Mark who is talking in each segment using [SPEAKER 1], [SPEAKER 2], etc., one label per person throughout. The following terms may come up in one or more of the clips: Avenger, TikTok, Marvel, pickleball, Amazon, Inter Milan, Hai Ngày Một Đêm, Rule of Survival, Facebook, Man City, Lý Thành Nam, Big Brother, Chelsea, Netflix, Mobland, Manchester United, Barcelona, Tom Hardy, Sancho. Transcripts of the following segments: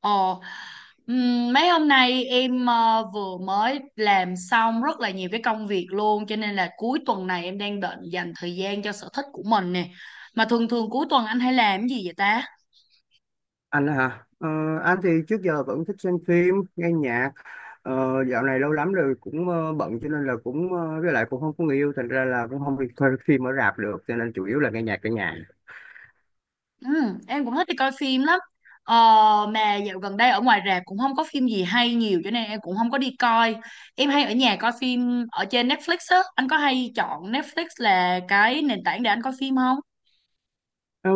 [SPEAKER 1] Ồ, mấy hôm nay em vừa mới làm xong rất là nhiều cái công việc luôn, cho nên là cuối tuần này em đang định dành thời gian cho sở thích của mình nè. Mà thường thường cuối tuần anh hay làm cái gì vậy ta?
[SPEAKER 2] Anh hả? Ờ, anh thì trước giờ vẫn thích xem phim nghe nhạc. Dạo này lâu lắm rồi, cũng bận, cho nên là cũng, với lại cũng không có người yêu, thành ra là cũng không đi coi phim ở rạp được, cho nên chủ yếu là nghe nhạc ở nhà.
[SPEAKER 1] Em cũng thích đi coi phim lắm. Ờ, mà dạo gần đây ở ngoài rạp cũng không có phim gì hay nhiều cho nên em cũng không có đi coi. Em hay ở nhà coi phim ở trên Netflix á. Anh có hay chọn Netflix là cái nền tảng để anh coi phim không?
[SPEAKER 2] Ờ,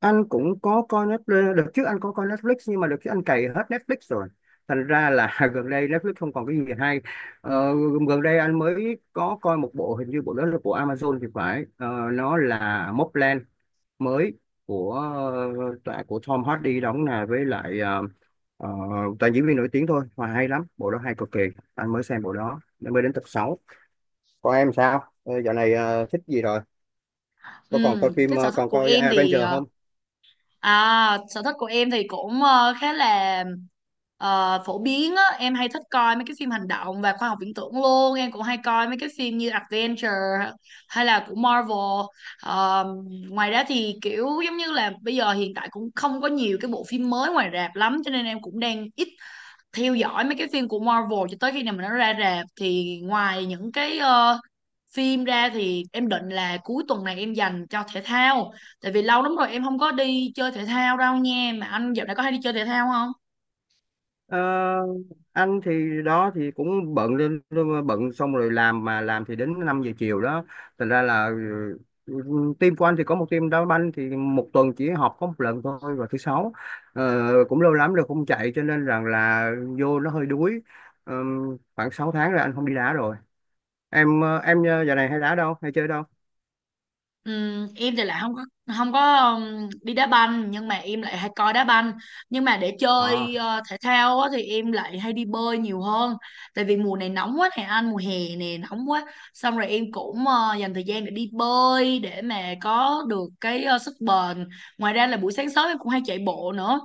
[SPEAKER 2] anh cũng có coi Netflix. Đợt trước anh có coi Netflix, nhưng mà đợt trước anh cày hết Netflix rồi, thành ra là gần đây Netflix không còn cái gì hay. Ờ, Gần đây anh mới có coi một bộ, hình như bộ đó là của Amazon thì phải. Ờ, nó là Mobland mới, của tạ, của Tom Hardy đóng, là với lại ờ, toàn diễn viên nổi tiếng thôi, mà hay lắm, bộ đó hay cực kỳ. Anh mới xem bộ đó nên mới đến tập 6. Còn em sao? Ờ, Dạo này thích gì rồi,
[SPEAKER 1] Ừ,
[SPEAKER 2] có còn coi phim,
[SPEAKER 1] cái sở thích
[SPEAKER 2] còn
[SPEAKER 1] của
[SPEAKER 2] coi
[SPEAKER 1] em thì
[SPEAKER 2] Avenger
[SPEAKER 1] ờ,
[SPEAKER 2] không?
[SPEAKER 1] À, sở thích của em thì cũng khá là phổ biến á. Em hay thích coi mấy cái phim hành động và khoa học viễn tưởng luôn. Em cũng hay coi mấy cái phim như Adventure hay là của Marvel. Ờ, ngoài ra thì kiểu giống như là bây giờ hiện tại cũng không có nhiều cái bộ phim mới ngoài rạp lắm, cho nên em cũng đang ít theo dõi mấy cái phim của Marvel cho tới khi nào mà nó ra rạp. Thì ngoài những cái phim ra thì em định là cuối tuần này em dành cho thể thao, tại vì lâu lắm rồi em không có đi chơi thể thao đâu nha. Mà anh dạo này có hay đi chơi thể thao không?
[SPEAKER 2] Ờ, anh thì đó thì cũng bận lên, bận xong rồi làm, mà làm thì đến 5 giờ chiều đó, thành ra là, ừ, team của anh thì có một team đá banh, thì một tuần chỉ họp có một lần thôi, vào thứ sáu. Cũng lâu lắm rồi không chạy, cho nên rằng là vô nó hơi đuối. Ờ, Khoảng 6 tháng rồi anh không đi đá rồi. Em giờ này hay đá đâu, hay chơi đâu?
[SPEAKER 1] Em thì lại không có đi đá banh, nhưng mà em lại hay coi đá banh. Nhưng mà để chơi thể thao á, thì em lại hay đi bơi nhiều hơn, tại vì mùa này nóng quá nè anh, mùa hè nè nóng quá, xong rồi em cũng dành thời gian để đi bơi để mà có được cái sức bền. Ngoài ra là buổi sáng sớm em cũng hay chạy bộ nữa,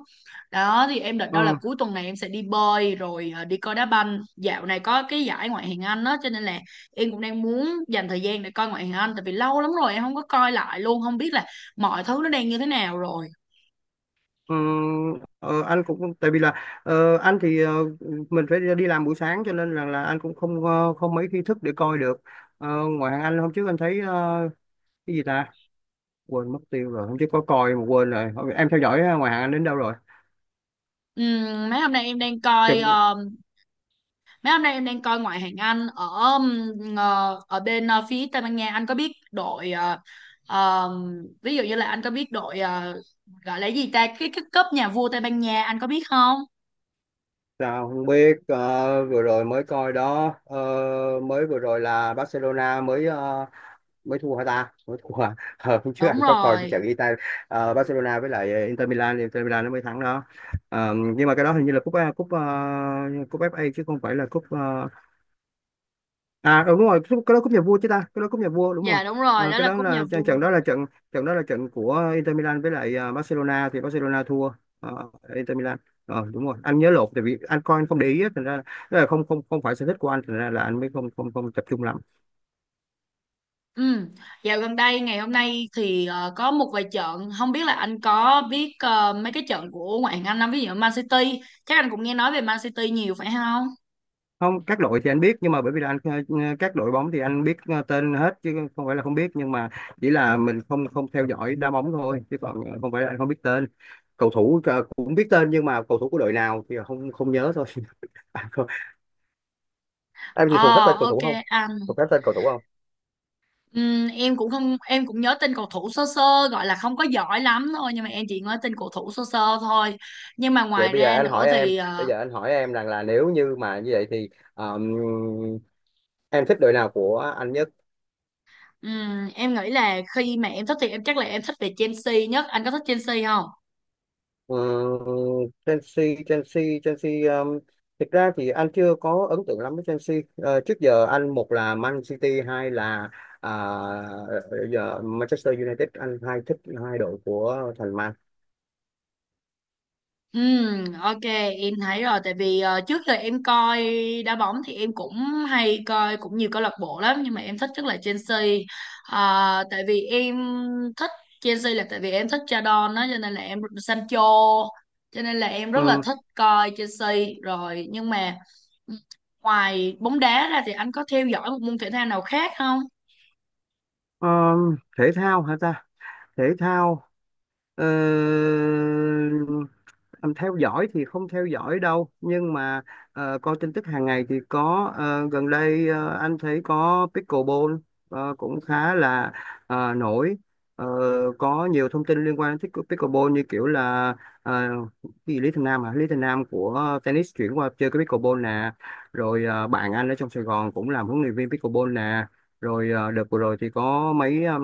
[SPEAKER 1] đó thì em định
[SPEAKER 2] Ờ.
[SPEAKER 1] đâu là cuối tuần này em sẽ đi bơi rồi đi coi đá banh. Dạo này có cái giải ngoại hạng Anh đó cho nên là em cũng đang muốn dành thời gian để coi ngoại hình Anh, tại vì lâu lắm rồi em không có coi lại luôn, không biết là mọi thứ nó đang như thế nào rồi.
[SPEAKER 2] Ừm, anh cũng tại vì là, anh thì, mình phải đi làm buổi sáng, cho nên là anh cũng không, không mấy khi thức để coi được. Ờ, Ngoài hàng anh hôm trước anh thấy, cái gì ta, quên mất tiêu rồi. Hôm trước có coi mà quên rồi. Thôi, em theo dõi ngoài hàng anh đến đâu rồi?
[SPEAKER 1] Ừm, mấy hôm nay em đang coi
[SPEAKER 2] Chừng,
[SPEAKER 1] ờ, mấy hôm nay em đang coi ngoại hạng Anh ở, ừm, ở bên phía Tây Ban Nha. Anh có biết đội ờ, ví dụ như là, anh có biết đội, gọi là gì ta, cái cúp nhà vua Tây Ban Nha, anh có biết không?
[SPEAKER 2] sao không biết, vừa rồi mới coi đó. Ờ, Mới vừa rồi là Barcelona mới, mới thua hả ta, mới thua à? Ờ, Hôm trước
[SPEAKER 1] Đúng
[SPEAKER 2] anh có coi cái
[SPEAKER 1] rồi.
[SPEAKER 2] trận Ita, Barcelona với lại Inter Milan, thì Inter Milan nó mới thắng đó. Nhưng mà cái đó hình như là cúp, cúp FA, chứ không phải là cúp, à, đúng rồi, cái đó cúp nhà vua chứ ta, cái đó cúp nhà vua đúng rồi.
[SPEAKER 1] Dạ, đúng rồi, đó
[SPEAKER 2] Cái
[SPEAKER 1] là
[SPEAKER 2] đó
[SPEAKER 1] cúp nhà
[SPEAKER 2] là trận,
[SPEAKER 1] vua.
[SPEAKER 2] trận đó là trận của Inter Milan với lại Barcelona, thì Barcelona thua ờ, Inter Milan. Đúng rồi, anh nhớ lộn, tại vì anh coi anh không để ý á, thành ra là, tức là không không không phải sở thích của anh, thành ra là anh mới không không không tập trung lắm.
[SPEAKER 1] Ừ. Dạo gần đây ngày hôm nay thì có một vài trận, không biết là anh có biết mấy cái trận của ngoại hạng Anh không? Ví dụ Man City, chắc anh cũng nghe nói về Man City nhiều phải không?
[SPEAKER 2] Không, các đội thì anh biết, nhưng mà bởi vì là anh, các đội bóng thì anh biết, tên hết, chứ không phải là không biết. Nhưng mà chỉ là mình không không theo dõi đá bóng thôi, chứ còn, không phải là anh không biết tên cầu thủ, cũng biết tên nhưng mà cầu thủ của đội nào thì không không nhớ thôi. À, không. Em thì thuộc hết
[SPEAKER 1] Ờ,
[SPEAKER 2] tên cầu
[SPEAKER 1] ok
[SPEAKER 2] thủ không?
[SPEAKER 1] anh.
[SPEAKER 2] Thuộc hết tên cầu thủ không?
[SPEAKER 1] Em cũng không, em cũng nhớ tên cầu thủ sơ sơ, gọi là không có giỏi lắm thôi, nhưng mà em chỉ nhớ tên cầu thủ sơ sơ thôi. Nhưng mà
[SPEAKER 2] Vậy
[SPEAKER 1] ngoài
[SPEAKER 2] bây giờ
[SPEAKER 1] ra
[SPEAKER 2] anh
[SPEAKER 1] nữa
[SPEAKER 2] hỏi em,
[SPEAKER 1] thì
[SPEAKER 2] bây giờ anh hỏi em rằng là, nếu như mà như vậy thì, um, em thích đội nào của anh nhất?
[SPEAKER 1] em nghĩ là, khi mà em thích thì em chắc là em thích về Chelsea nhất, anh có thích Chelsea không?
[SPEAKER 2] Ờ, Chelsea Chelsea Chelsea um, Thực ra thì anh chưa có ấn tượng lắm với Chelsea. Ờ, Trước giờ anh một là Man City, hai là, à, ờ, giờ Manchester United, anh hai thích hai đội của thành Man.
[SPEAKER 1] Ok, em thấy rồi. Tại vì trước giờ em coi đá bóng thì em cũng hay coi cũng nhiều câu lạc bộ lắm, nhưng mà em thích nhất là Chelsea. Tại vì em thích Chelsea là tại vì em thích cha don đó, cho nên là em Sancho, cho nên là em rất là
[SPEAKER 2] ừ,
[SPEAKER 1] thích coi Chelsea rồi. Nhưng mà ngoài bóng đá ra thì anh có theo dõi một môn thể thao nào khác không?
[SPEAKER 2] Thể thao hả ta? Thể thao. Ờ, Theo dõi thì không theo dõi đâu, nhưng mà coi tin tức hàng ngày thì có. Ờ, Gần đây anh thấy có pickleball, cũng khá là nổi. Ờ, có nhiều thông tin liên quan đến pickleball, như kiểu là, ờ, cái gì, Lý Thành Nam, à, Lý Thành Nam của tennis chuyển qua chơi cái pickleball nè. Rồi bạn anh ở trong Sài Gòn cũng làm huấn luyện viên pickleball nè. Rồi đợt vừa rồi thì có mấy, um,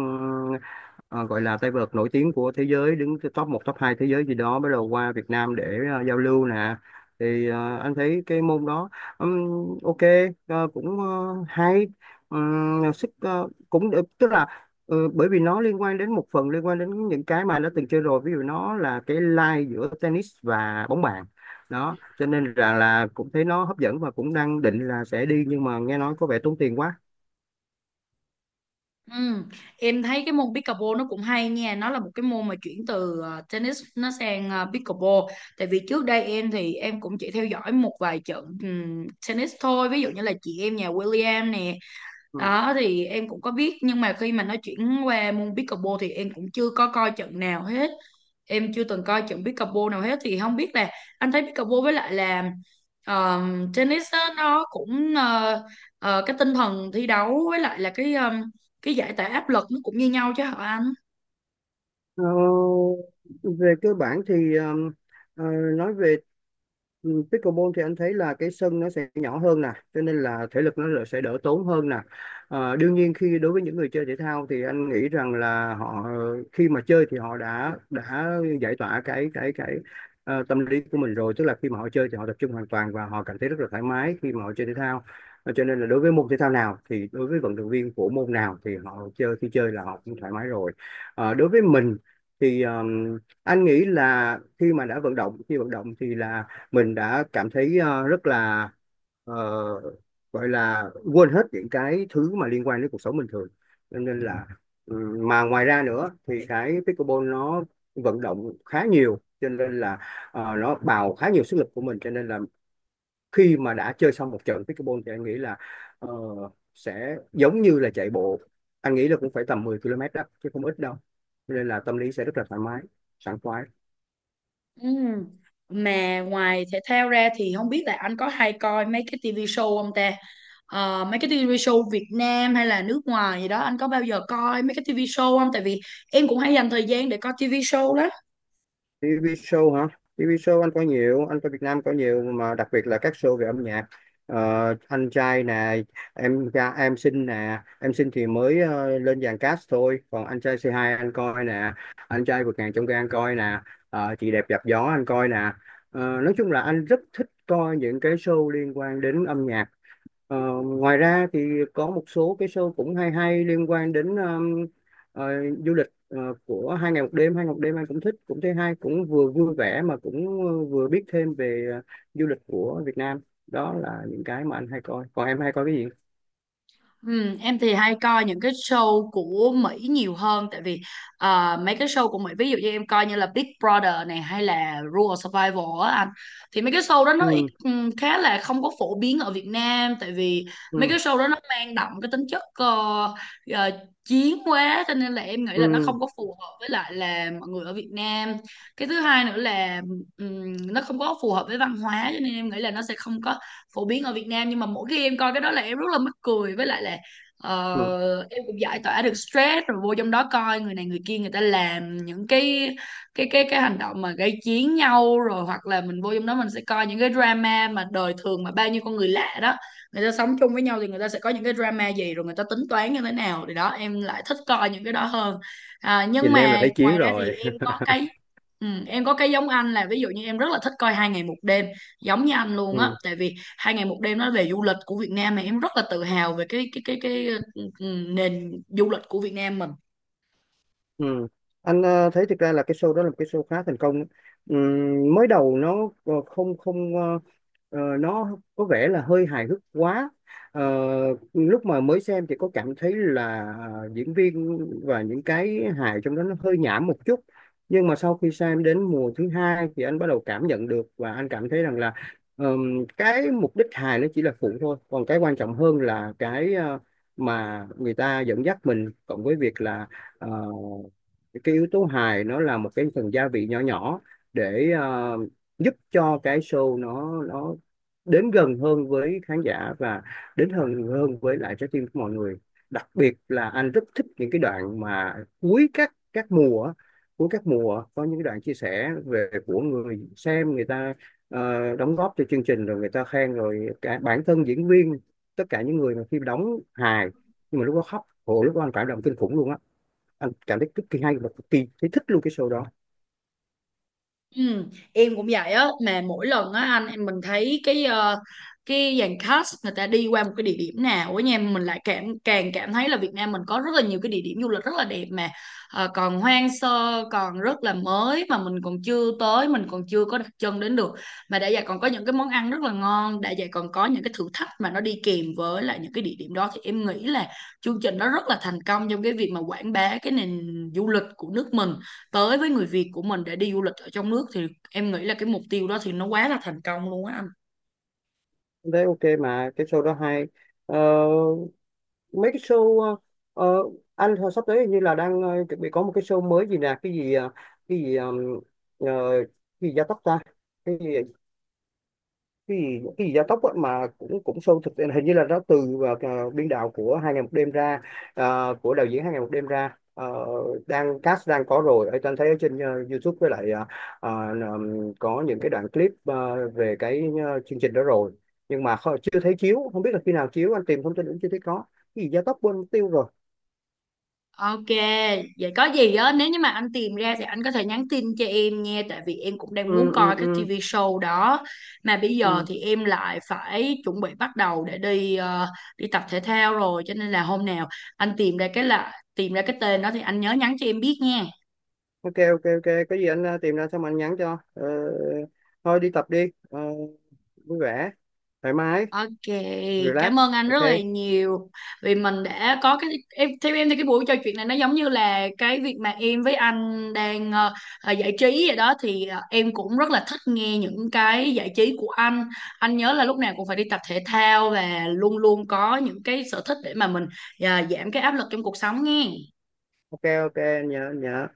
[SPEAKER 2] ờ, gọi là tay vợt nổi tiếng của thế giới, đứng top một top 2 thế giới gì đó, bắt đầu qua Việt Nam để giao lưu nè. Thì anh thấy cái môn đó, ok, cũng hay. Sức cũng được, tức là bởi vì nó liên quan đến một phần, liên quan đến những cái mà anh đã từng chơi rồi. Ví dụ nó là cái line giữa tennis và bóng bàn đó, cho nên là cũng thấy nó hấp dẫn, và cũng đang định là sẽ đi, nhưng mà nghe nói có vẻ tốn tiền quá.
[SPEAKER 1] Ừ. Em thấy cái môn pickleball nó cũng hay nha. Nó là một cái môn mà chuyển từ tennis nó sang pickleball. Tại vì trước đây em thì em cũng chỉ theo dõi một vài trận tennis thôi. Ví dụ như là chị em nhà William nè, đó thì em cũng có biết, nhưng mà khi mà nó chuyển qua môn pickleball thì em cũng chưa có coi trận nào hết. Em chưa từng coi trận pickleball nào hết, thì không biết là anh thấy pickleball với lại là tennis á, nó cũng cái tinh thần thi đấu với lại là cái giải tỏa áp lực nó cũng như nhau chứ hả anh?
[SPEAKER 2] Ờ, Về cơ bản thì, ờ, nói về, pickleball thì anh thấy là cái sân nó sẽ nhỏ hơn nè, cho nên là thể lực nó là sẽ đỡ tốn hơn nè. Đương nhiên khi đối với những người chơi thể thao thì anh nghĩ rằng là họ, khi mà chơi thì họ đã giải tỏa cái tâm lý của mình rồi, tức là khi mà họ chơi thì họ tập trung hoàn toàn và họ cảm thấy rất là thoải mái khi mà họ chơi thể thao. Cho nên là đối với môn thể thao nào, thì đối với vận động viên của môn nào thì họ chơi, khi chơi là họ cũng thoải mái rồi. Đối với mình thì, anh nghĩ là khi mà đã vận động, khi vận động thì là mình đã cảm thấy, rất là, ờ, gọi là quên hết những cái thứ mà liên quan đến cuộc sống bình thường, cho nên là, mà ngoài ra nữa thì cái pickleball nó vận động khá nhiều, cho nên là nó bào khá nhiều sức lực của mình, cho nên là khi mà đã chơi xong một trận pickleball thì anh nghĩ là ờ, sẽ giống như là chạy bộ, anh nghĩ là cũng phải tầm 10 km đó, chứ không ít đâu. Cho nên là tâm lý sẽ rất là thoải mái, sảng khoái.
[SPEAKER 1] Ừ. Mà ngoài thể thao ra thì không biết là anh có hay coi mấy cái TV show không ta? Ờ, mấy cái TV show Việt Nam hay là nước ngoài gì đó, anh có bao giờ coi mấy cái TV show không? Tại vì em cũng hay dành thời gian để coi TV show lắm.
[SPEAKER 2] TV show hả? TV show anh coi nhiều, anh coi Việt Nam coi nhiều, mà đặc biệt là các show về âm nhạc. Anh trai nè, em xinh nè, em xinh thì mới lên dàn cast thôi, còn anh trai c hai anh coi nè, anh trai vượt ngàn chông gai anh coi nè, chị đẹp dạp gió anh coi nè. Nói chung là anh rất thích coi những cái show liên quan đến âm nhạc. Ờ, Ngoài ra thì có một số cái show cũng hay hay, liên quan đến ờ, du lịch, của hai ngày một đêm. Hai ngày một đêm anh cũng thích, cũng thấy hay, cũng vừa vui vẻ mà cũng vừa biết thêm về du lịch của Việt Nam. Đó là những cái mà anh hay coi, còn em hay coi cái gì?
[SPEAKER 1] Ừ, em thì hay coi những cái show của Mỹ nhiều hơn. Tại vì mấy cái show của Mỹ, ví dụ như em coi như là Big Brother này hay là Rule of Survival á anh, thì mấy cái show đó nó ít
[SPEAKER 2] Ừ,
[SPEAKER 1] khá là không có phổ biến ở Việt Nam. Tại vì mấy
[SPEAKER 2] ừ,
[SPEAKER 1] cái show đó nó mang đậm cái tính chất ờ, chiến quá, cho nên là em nghĩ là nó
[SPEAKER 2] ừ,
[SPEAKER 1] không có phù hợp với lại là mọi người ở Việt Nam. Cái thứ hai nữa là nó không có phù hợp với văn hóa, cho nên em nghĩ là nó sẽ không có phổ biến ở Việt Nam. Nhưng mà mỗi khi em coi cái đó là em rất là mắc cười, với lại là
[SPEAKER 2] ừ.
[SPEAKER 1] em cũng giải tỏa được stress. Rồi vô trong đó coi người này người kia, người ta làm những cái hành động mà gây chiến nhau, rồi hoặc là mình vô trong đó mình sẽ coi những cái drama mà đời thường, mà bao nhiêu con người lạ đó người ta sống chung với nhau thì người ta sẽ có những cái drama gì, rồi người ta tính toán như thế nào, thì đó em lại thích coi những cái đó hơn. À, nhưng
[SPEAKER 2] Nhìn em là
[SPEAKER 1] mà
[SPEAKER 2] thấy chiến
[SPEAKER 1] ngoài ra thì
[SPEAKER 2] rồi.
[SPEAKER 1] em có cái giống anh, là ví dụ như em rất là thích coi Hai Ngày Một Đêm giống như anh luôn á.
[SPEAKER 2] Ừ.
[SPEAKER 1] Tại vì Hai Ngày Một Đêm nói về du lịch của Việt Nam, mà em rất là tự hào về cái nền du lịch của Việt Nam mình.
[SPEAKER 2] Ừ. Anh thấy thực ra là cái show đó là một cái show khá thành công. Mới đầu nó không không, nó có vẻ là hơi hài hước quá. Ờ, Lúc mà mới xem thì có cảm thấy là diễn viên và những cái hài trong đó nó hơi nhảm một chút. Nhưng mà sau khi xem đến mùa thứ hai thì anh bắt đầu cảm nhận được, và anh cảm thấy rằng là cái mục đích hài nó chỉ là phụ thôi, còn cái quan trọng hơn là cái, mà người ta dẫn dắt mình, cộng với việc là ờ, cái yếu tố hài nó là một cái phần gia vị nhỏ nhỏ, để giúp cho cái show nó đến gần hơn với khán giả, và đến hơn hơn với lại trái tim của mọi người. Đặc biệt là anh rất thích những cái đoạn mà cuối các mùa á, cuối các mùa có những cái đoạn chia sẻ về của người xem, người ta đóng góp cho chương trình, rồi người ta khen, rồi cả bản thân diễn viên, tất cả những người mà khi đóng hài nhưng mà lúc đó khóc, hồi lúc đó anh cảm động kinh khủng luôn á, anh cảm thấy cực kỳ hay và cực kỳ thấy thích luôn cái show đó.
[SPEAKER 1] Ừ, em cũng vậy á. Mà mỗi lần á anh em mình thấy cái dàn cast người ta đi qua một cái địa điểm nào ở nhà, mình lại càng cảm thấy là Việt Nam mình có rất là nhiều cái địa điểm du lịch rất là đẹp, mà còn hoang sơ còn rất là mới, mà mình còn chưa tới, mình còn chưa có đặt chân đến được. Mà đã vậy còn có những cái món ăn rất là ngon, đã vậy còn có những cái thử thách mà nó đi kèm với lại những cái địa điểm đó, thì em nghĩ là chương trình nó rất là thành công trong cái việc mà quảng bá cái nền du lịch của nước mình tới với người Việt của mình, để đi du lịch ở trong nước. Thì em nghĩ là cái mục tiêu đó thì nó quá là thành công luôn á anh.
[SPEAKER 2] Anh thấy ok mà cái show đó hay. Ờ, Mấy cái show, ờ, anh hồi sắp tới hình như là đang chuẩn bị có một cái show mới gì nè, cái gì, cái gì, ờ, cái gì gia tốc ta, cái gì, cái gì cái gì gia tốc á, mà cũng cũng show thực, hình như là nó từ biên đạo của hai ngày một đêm ra, của đạo diễn hai ngày một đêm ra. Ờ, Đang cast đang có rồi, ở anh thấy ở trên YouTube với lại ờ, có những cái đoạn clip về cái chương trình đó rồi. Nhưng mà chưa thấy chiếu, không biết là khi nào chiếu, anh tìm thông tin cũng chưa thấy có. Cái gì gia tốc quên mất tiêu rồi.
[SPEAKER 1] Ok, vậy có gì á, nếu như mà anh tìm ra thì anh có thể nhắn tin cho em nha, tại vì em cũng đang muốn
[SPEAKER 2] Ừ, ừ,
[SPEAKER 1] coi cái
[SPEAKER 2] ừ,
[SPEAKER 1] TV show đó. Mà bây giờ
[SPEAKER 2] ừ.
[SPEAKER 1] thì em lại phải chuẩn bị bắt đầu để đi đi tập thể thao rồi, cho nên là hôm nào anh tìm ra cái tên đó thì anh nhớ nhắn cho em biết nha.
[SPEAKER 2] Ok, ok, ok. Cái gì anh tìm ra xong anh nhắn cho. Ờ, Thôi đi tập đi. Ờ, Vui vẻ, thoải mái,
[SPEAKER 1] Ok,
[SPEAKER 2] relax,
[SPEAKER 1] cảm ơn anh
[SPEAKER 2] ok.
[SPEAKER 1] rất là nhiều, vì mình đã có cái em theo, em thì cái buổi trò chuyện này nó giống như là cái việc mà em với anh đang giải trí vậy đó, thì em cũng rất là thích nghe những cái giải trí của anh. Anh nhớ là lúc nào cũng phải đi tập thể thao và luôn luôn có những cái sở thích, để mà mình giảm cái áp lực trong cuộc sống nghe.
[SPEAKER 2] Ok, ok, Nhớ, nhớ.